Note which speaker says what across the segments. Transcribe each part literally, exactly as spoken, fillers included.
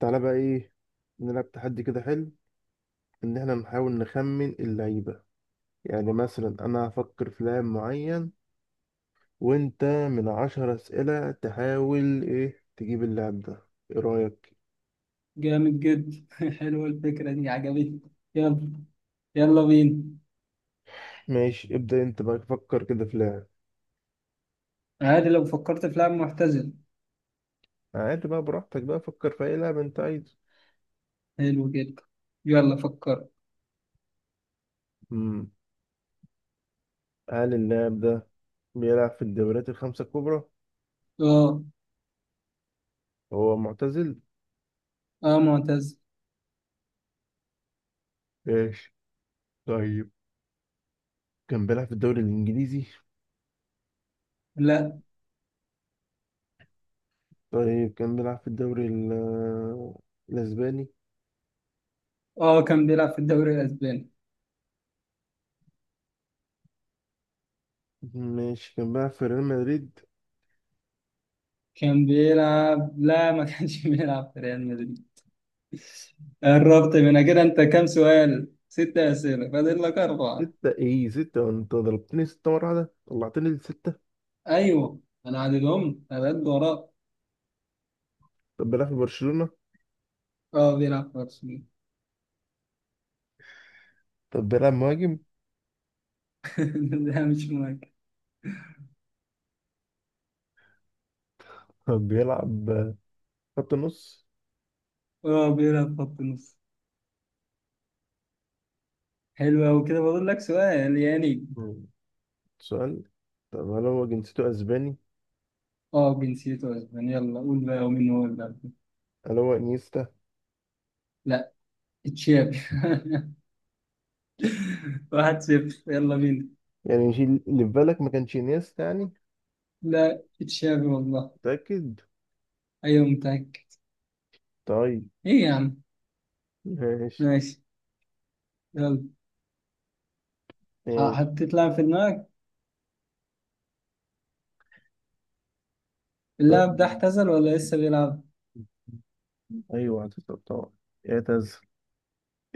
Speaker 1: تعالى بقى ايه، نلعب تحدي كده حلو. ان احنا نحاول نخمن اللعيبة. يعني مثلا انا هفكر في لاعب معين، وانت من عشر اسئلة تحاول ايه تجيب اللاعب ده. ايه رأيك؟
Speaker 2: جامد جدا حلوة الفكرة دي عجبتني. يلا، يلا بينا.
Speaker 1: ماشي، ابدأ انت بقى فكر كده في لاعب.
Speaker 2: عادي لو فكرت في لاعب معتزل.
Speaker 1: عادي بقى، براحتك بقى فكر في اي لاعب انت عايزه.
Speaker 2: حلو جدا، يلا فكر.
Speaker 1: امم هل اللاعب ده بيلعب في الدوريات الخمسة الكبرى؟
Speaker 2: اه.
Speaker 1: هو معتزل؟
Speaker 2: اه معتزل.
Speaker 1: ماشي. طيب كان بيلعب في الدوري الانجليزي؟
Speaker 2: لا.
Speaker 1: طيب كان بيلعب في الدوري ال- الاسباني؟
Speaker 2: اه كان بيلعب في الدوري الأسباني.
Speaker 1: ماشي، كان بقى في ريال مدريد؟
Speaker 2: كان بيلعب لا ما كانش بيلعب في ريال مدريد. قربت من كده، انت كام سؤال؟ ستة أسئلة، فاضل لك أربعة.
Speaker 1: ستة؟ ايه ستة؟ انت ضربتني ستة مرة واحدة، طلعتني لستة؟
Speaker 2: أيوه أنا عددهم، أنا قد وراك.
Speaker 1: طب بيلعب في برشلونة؟
Speaker 2: اه بيلعب في أرسنال.
Speaker 1: طب بيلعب مهاجم؟
Speaker 2: لا مش مهم.
Speaker 1: طب بيلعب خط نص؟
Speaker 2: اه بيلعب خط نص. حلو أوي كده، بقول لك سؤال يعني.
Speaker 1: مم. سؤال. طب هل هو جنسيته اسباني؟
Speaker 2: اه جنسيته اسباني، يلا قول بقى، ومين هو اللي قبله؟
Speaker 1: هل هو انيستا؟
Speaker 2: لا. تشافي. واحد صفر، يلا بينا.
Speaker 1: يعني مش اللي في بالك ما كانش انيستا يعني؟
Speaker 2: لا تشافي والله.
Speaker 1: متأكد؟
Speaker 2: ايوه متأكد.
Speaker 1: طيب.
Speaker 2: ايه يا عم.
Speaker 1: ماشي.
Speaker 2: ماشي. يلا. ح-
Speaker 1: ماشي.
Speaker 2: حطيت لاعب في دماغك.
Speaker 1: طيب.
Speaker 2: اللاعب ده اعتزل ولا لسه بيلعب؟
Speaker 1: ايوه اعتزل طبعا، اعتزل،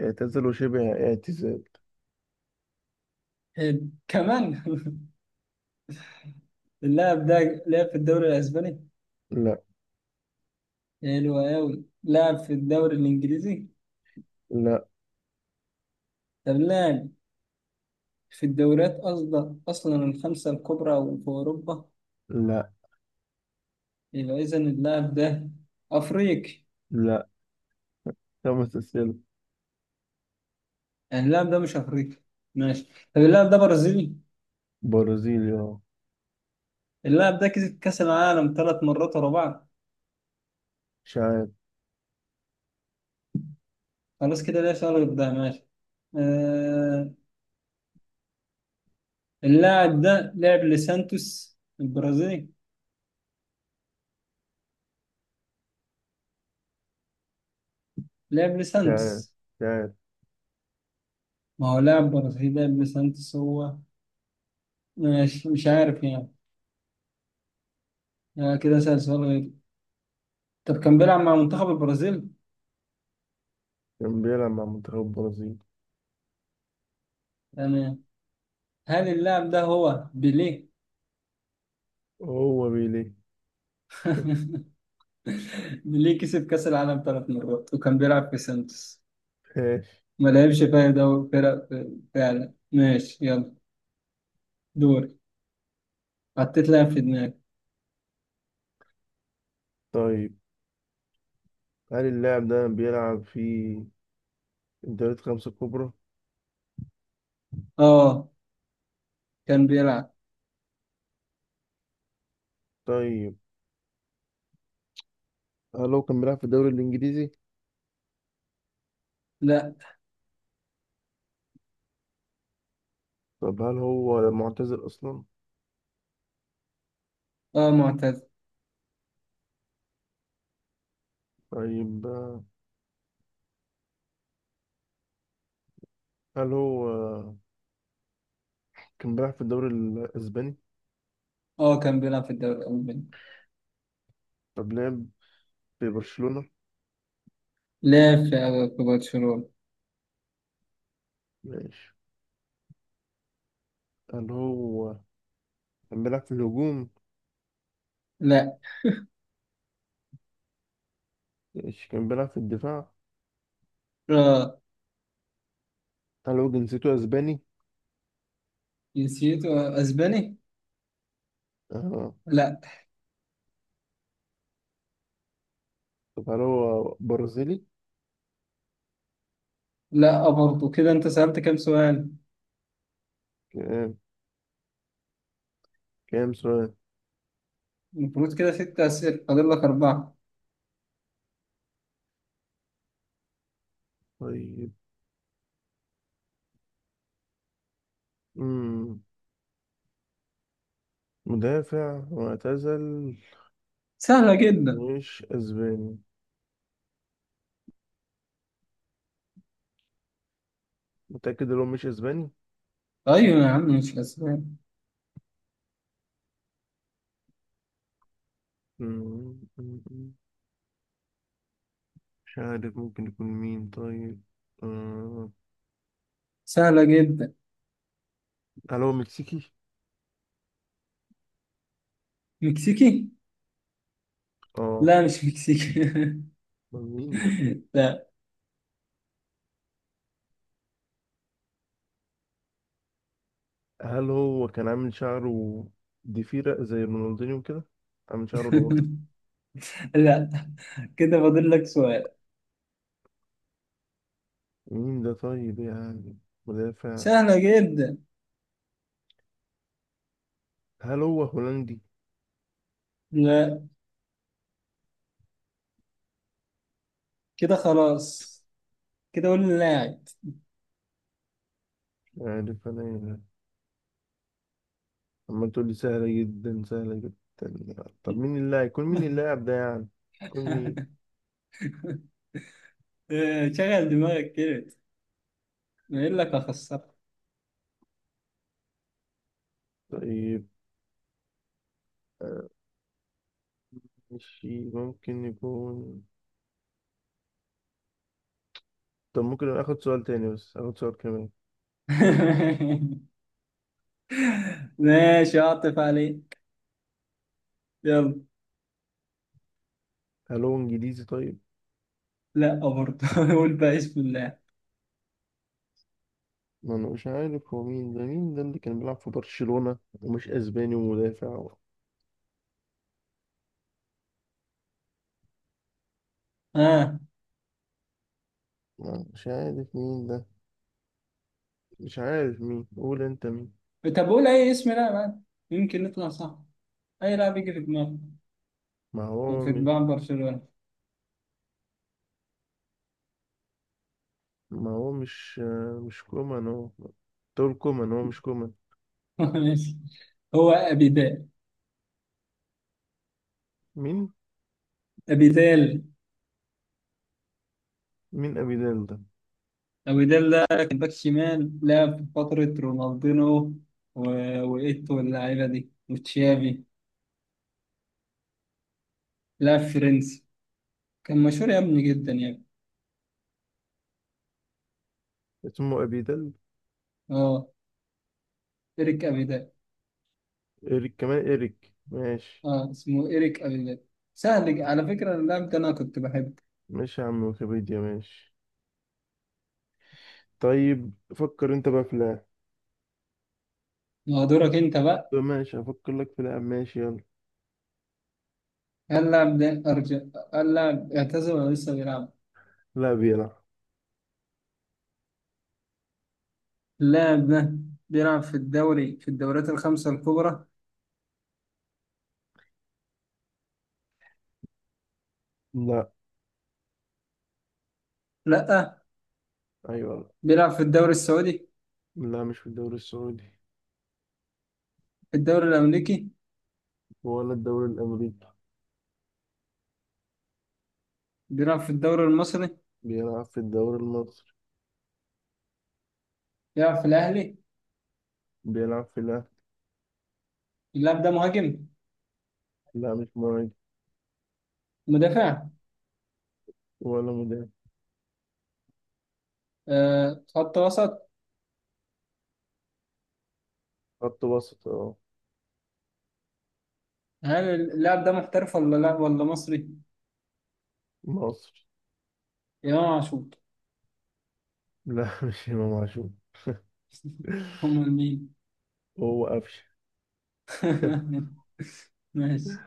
Speaker 1: اعتزل وشبه اعتزال.
Speaker 2: حلو كمان اللاعب ده لعب في الدوري الاسباني؟
Speaker 1: لا.
Speaker 2: حلو أوي، لعب في الدوري الانجليزي؟
Speaker 1: لا.
Speaker 2: طب لعب في الدوريات أصلا أصلا الخمسة الكبرى وفي أوروبا؟
Speaker 1: لا.
Speaker 2: يبقى إذا اللاعب ده أفريقي.
Speaker 1: لا. خمس اسئلة.
Speaker 2: يعني اللاعب ده مش أفريقي. ماشي. طب اللاعب ده برازيلي.
Speaker 1: برازيلي، اه.
Speaker 2: اللاعب ده كسب كأس العالم ثلاث مرات ورا بعض.
Speaker 1: شايف.
Speaker 2: خلاص كده، ليه شغل ده؟ ماشي. آه... اللاعب ده لعب لسانتوس البرازيلي. لعب
Speaker 1: شايف.
Speaker 2: لسانتوس.
Speaker 1: شايف.
Speaker 2: ما هو لاعب برازيلي، لعب لسانتوس هو. ماشي، مش عارف يعني. آه كده، سأل سؤال غير. طب كان بيلعب مع منتخب البرازيل.
Speaker 1: كان بيلعب مع منتخب البرازيل.
Speaker 2: يعني هل اللاعب ده هو بيليه؟
Speaker 1: هو بيليه.
Speaker 2: ليه كسب كأس العالم ثلاث مرات وكان بيلعب في سانتوس.
Speaker 1: ماشي.
Speaker 2: ما لعبش بقى دوري فرق. فعلا، ماشي، يلا. دوري. حطيت لاعب في دماغي.
Speaker 1: طيب، هل اللاعب ده بيلعب في الدوريات الخمسة الكبرى؟
Speaker 2: اه كان بيلعب.
Speaker 1: طيب، هل هو كان بيلعب في الدوري الإنجليزي؟
Speaker 2: لا
Speaker 1: طب هل هو معتزل أصلا؟
Speaker 2: اه معتز.
Speaker 1: طيب، آه، هل هو آه، كان بيلعب في الدوري الأسباني؟
Speaker 2: اه كان بيلعب في الدوري الألماني.
Speaker 1: طب لعب في برشلونة؟
Speaker 2: لعب في في برشلونة.
Speaker 1: ماشي. هل هو كان بيلعب في الهجوم؟
Speaker 2: لا.
Speaker 1: ماشي، كان بيلعب في الدفاع؟
Speaker 2: اه
Speaker 1: هل هو جنسيته أسباني؟
Speaker 2: جنسيته أسباني.
Speaker 1: آه.
Speaker 2: لا.
Speaker 1: طب هل هو برازيلي؟
Speaker 2: لا آه، برضه كده أنت سألت كام سؤال.
Speaker 1: كام سؤال؟
Speaker 2: المفروض كده ست أسئلة، فاضل لك أربعة.
Speaker 1: طيب. مم. مدافع معتزل.
Speaker 2: سهلة جدا.
Speaker 1: مش اسباني. متأكد ان هو مش اسباني؟
Speaker 2: أيوة يا عم مش أسباني.
Speaker 1: مم. مش عارف ممكن يكون مين، طيب. آه.
Speaker 2: سهلة جدا.
Speaker 1: هل هو مكسيكي؟
Speaker 2: مكسيكي.
Speaker 1: اه.
Speaker 2: لا مش مكسيك.
Speaker 1: أمال مين ده؟
Speaker 2: لا
Speaker 1: هل هو كان عامل شعره ضفيرة زي رونالدينيو كده؟ عامل شعره لورا؟
Speaker 2: لا كده فاضل لك سؤال.
Speaker 1: مين ده طيب يعني؟ مدافع.
Speaker 2: سهلة جدا.
Speaker 1: هل هو هولندي؟
Speaker 2: لا كده خلاص، كده قول اللاعب.
Speaker 1: مش عارف انا يعني. عمال تقول لي سهلة جدا، سهلة جدا، طب مين اللاعب؟ يكون مين اللاعب ده يعني؟ يكون مين؟
Speaker 2: إيه، شغل دماغك كده، ما يقول لك اخسرك.
Speaker 1: طيب، آه، مش ممكن يكون. طب ممكن اخد سؤال تاني؟ بس اخد سؤال كمان.
Speaker 2: ماشي اعطف عليك، يلا.
Speaker 1: هل هو انجليزي؟ طيب.
Speaker 2: لا برضه قول بقى اسم اللاعب.
Speaker 1: ما انا مش عارف هو مين ده، مين ده اللي كان بيلعب في برشلونة ومش اسباني ومدافع و-
Speaker 2: اه.
Speaker 1: ما مش عارف مين ده. مش عارف مين، قول انت مين.
Speaker 2: طب قول اي اسم لاعب عادي. يمكن نطلع صح. اي لاعب يجي في دماغك،
Speaker 1: ما هو
Speaker 2: في
Speaker 1: مش
Speaker 2: دماغ برشلونة.
Speaker 1: ما هو مش آه، مش كومان هو؟ تقول كومان؟ هو مش كومان.
Speaker 2: ماشي. هو ابيدال.
Speaker 1: مين؟
Speaker 2: ابيدال.
Speaker 1: مين ابيدال ده؟
Speaker 2: أبيدال ده كان باك شمال، لعب في فترة رونالدينو و... وإيتو واللعيبة دي وتشافي. لعب فرنسي، كان مشهور يا ابني، جدا يا ابني.
Speaker 1: اسمه أبي دل؟
Speaker 2: اه إيريك أبيدال.
Speaker 1: إيريك كمان؟ إيريك، ماشي.
Speaker 2: اه اسمه إيريك أبيدال. سهل على فكرة، اللاعب ده أنا كنت بحبه.
Speaker 1: ماشي يا عم، ويكيبيديا، ماشي. طيب، فكر أنت بقى في لاعب.
Speaker 2: ما هو دورك أنت بقى.
Speaker 1: ماشي، هفكر لك في لاعب، ماشي، يلا.
Speaker 2: هل اللاعب ده أرجع، هل اللاعب اعتزل ولا لسه بيلعب؟
Speaker 1: لا، بيلعب.
Speaker 2: اللاعب ده بيلعب في الدوري في الدوريات الخمسة الكبرى؟
Speaker 1: لا.
Speaker 2: لأ.
Speaker 1: أيوة.
Speaker 2: بيلعب في الدوري السعودي.
Speaker 1: لا، مش في الدوري السعودي.
Speaker 2: في الدوري الأمريكي.
Speaker 1: ولا الدوري الأمريكي.
Speaker 2: بيلعب في الدوري المصري.
Speaker 1: بيلعب في الدوري المصري.
Speaker 2: بيلعب في الأهلي.
Speaker 1: بيلعب في الأهلي.
Speaker 2: اللاعب ده مهاجم.
Speaker 1: لا، مش مهاجم.
Speaker 2: مدافع.
Speaker 1: ولا مدافع.
Speaker 2: آه، خط وسط.
Speaker 1: خط وسط، اه.
Speaker 2: هل اللاعب ده محترف ولا لا، ولا مصري؟
Speaker 1: مصري.
Speaker 2: امام عاشور.
Speaker 1: لا، مش إمام عاشور.
Speaker 2: امال مين؟
Speaker 1: هو قفشه.
Speaker 2: ماشي.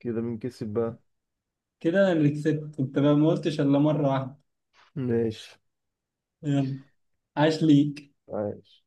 Speaker 1: كده بنكسب بقى.
Speaker 2: كده انا اللي كسبت، انت بقى ما قلتش الا مره واحده.
Speaker 1: ماشي.
Speaker 2: يلا. عاش ليك.
Speaker 1: عايش.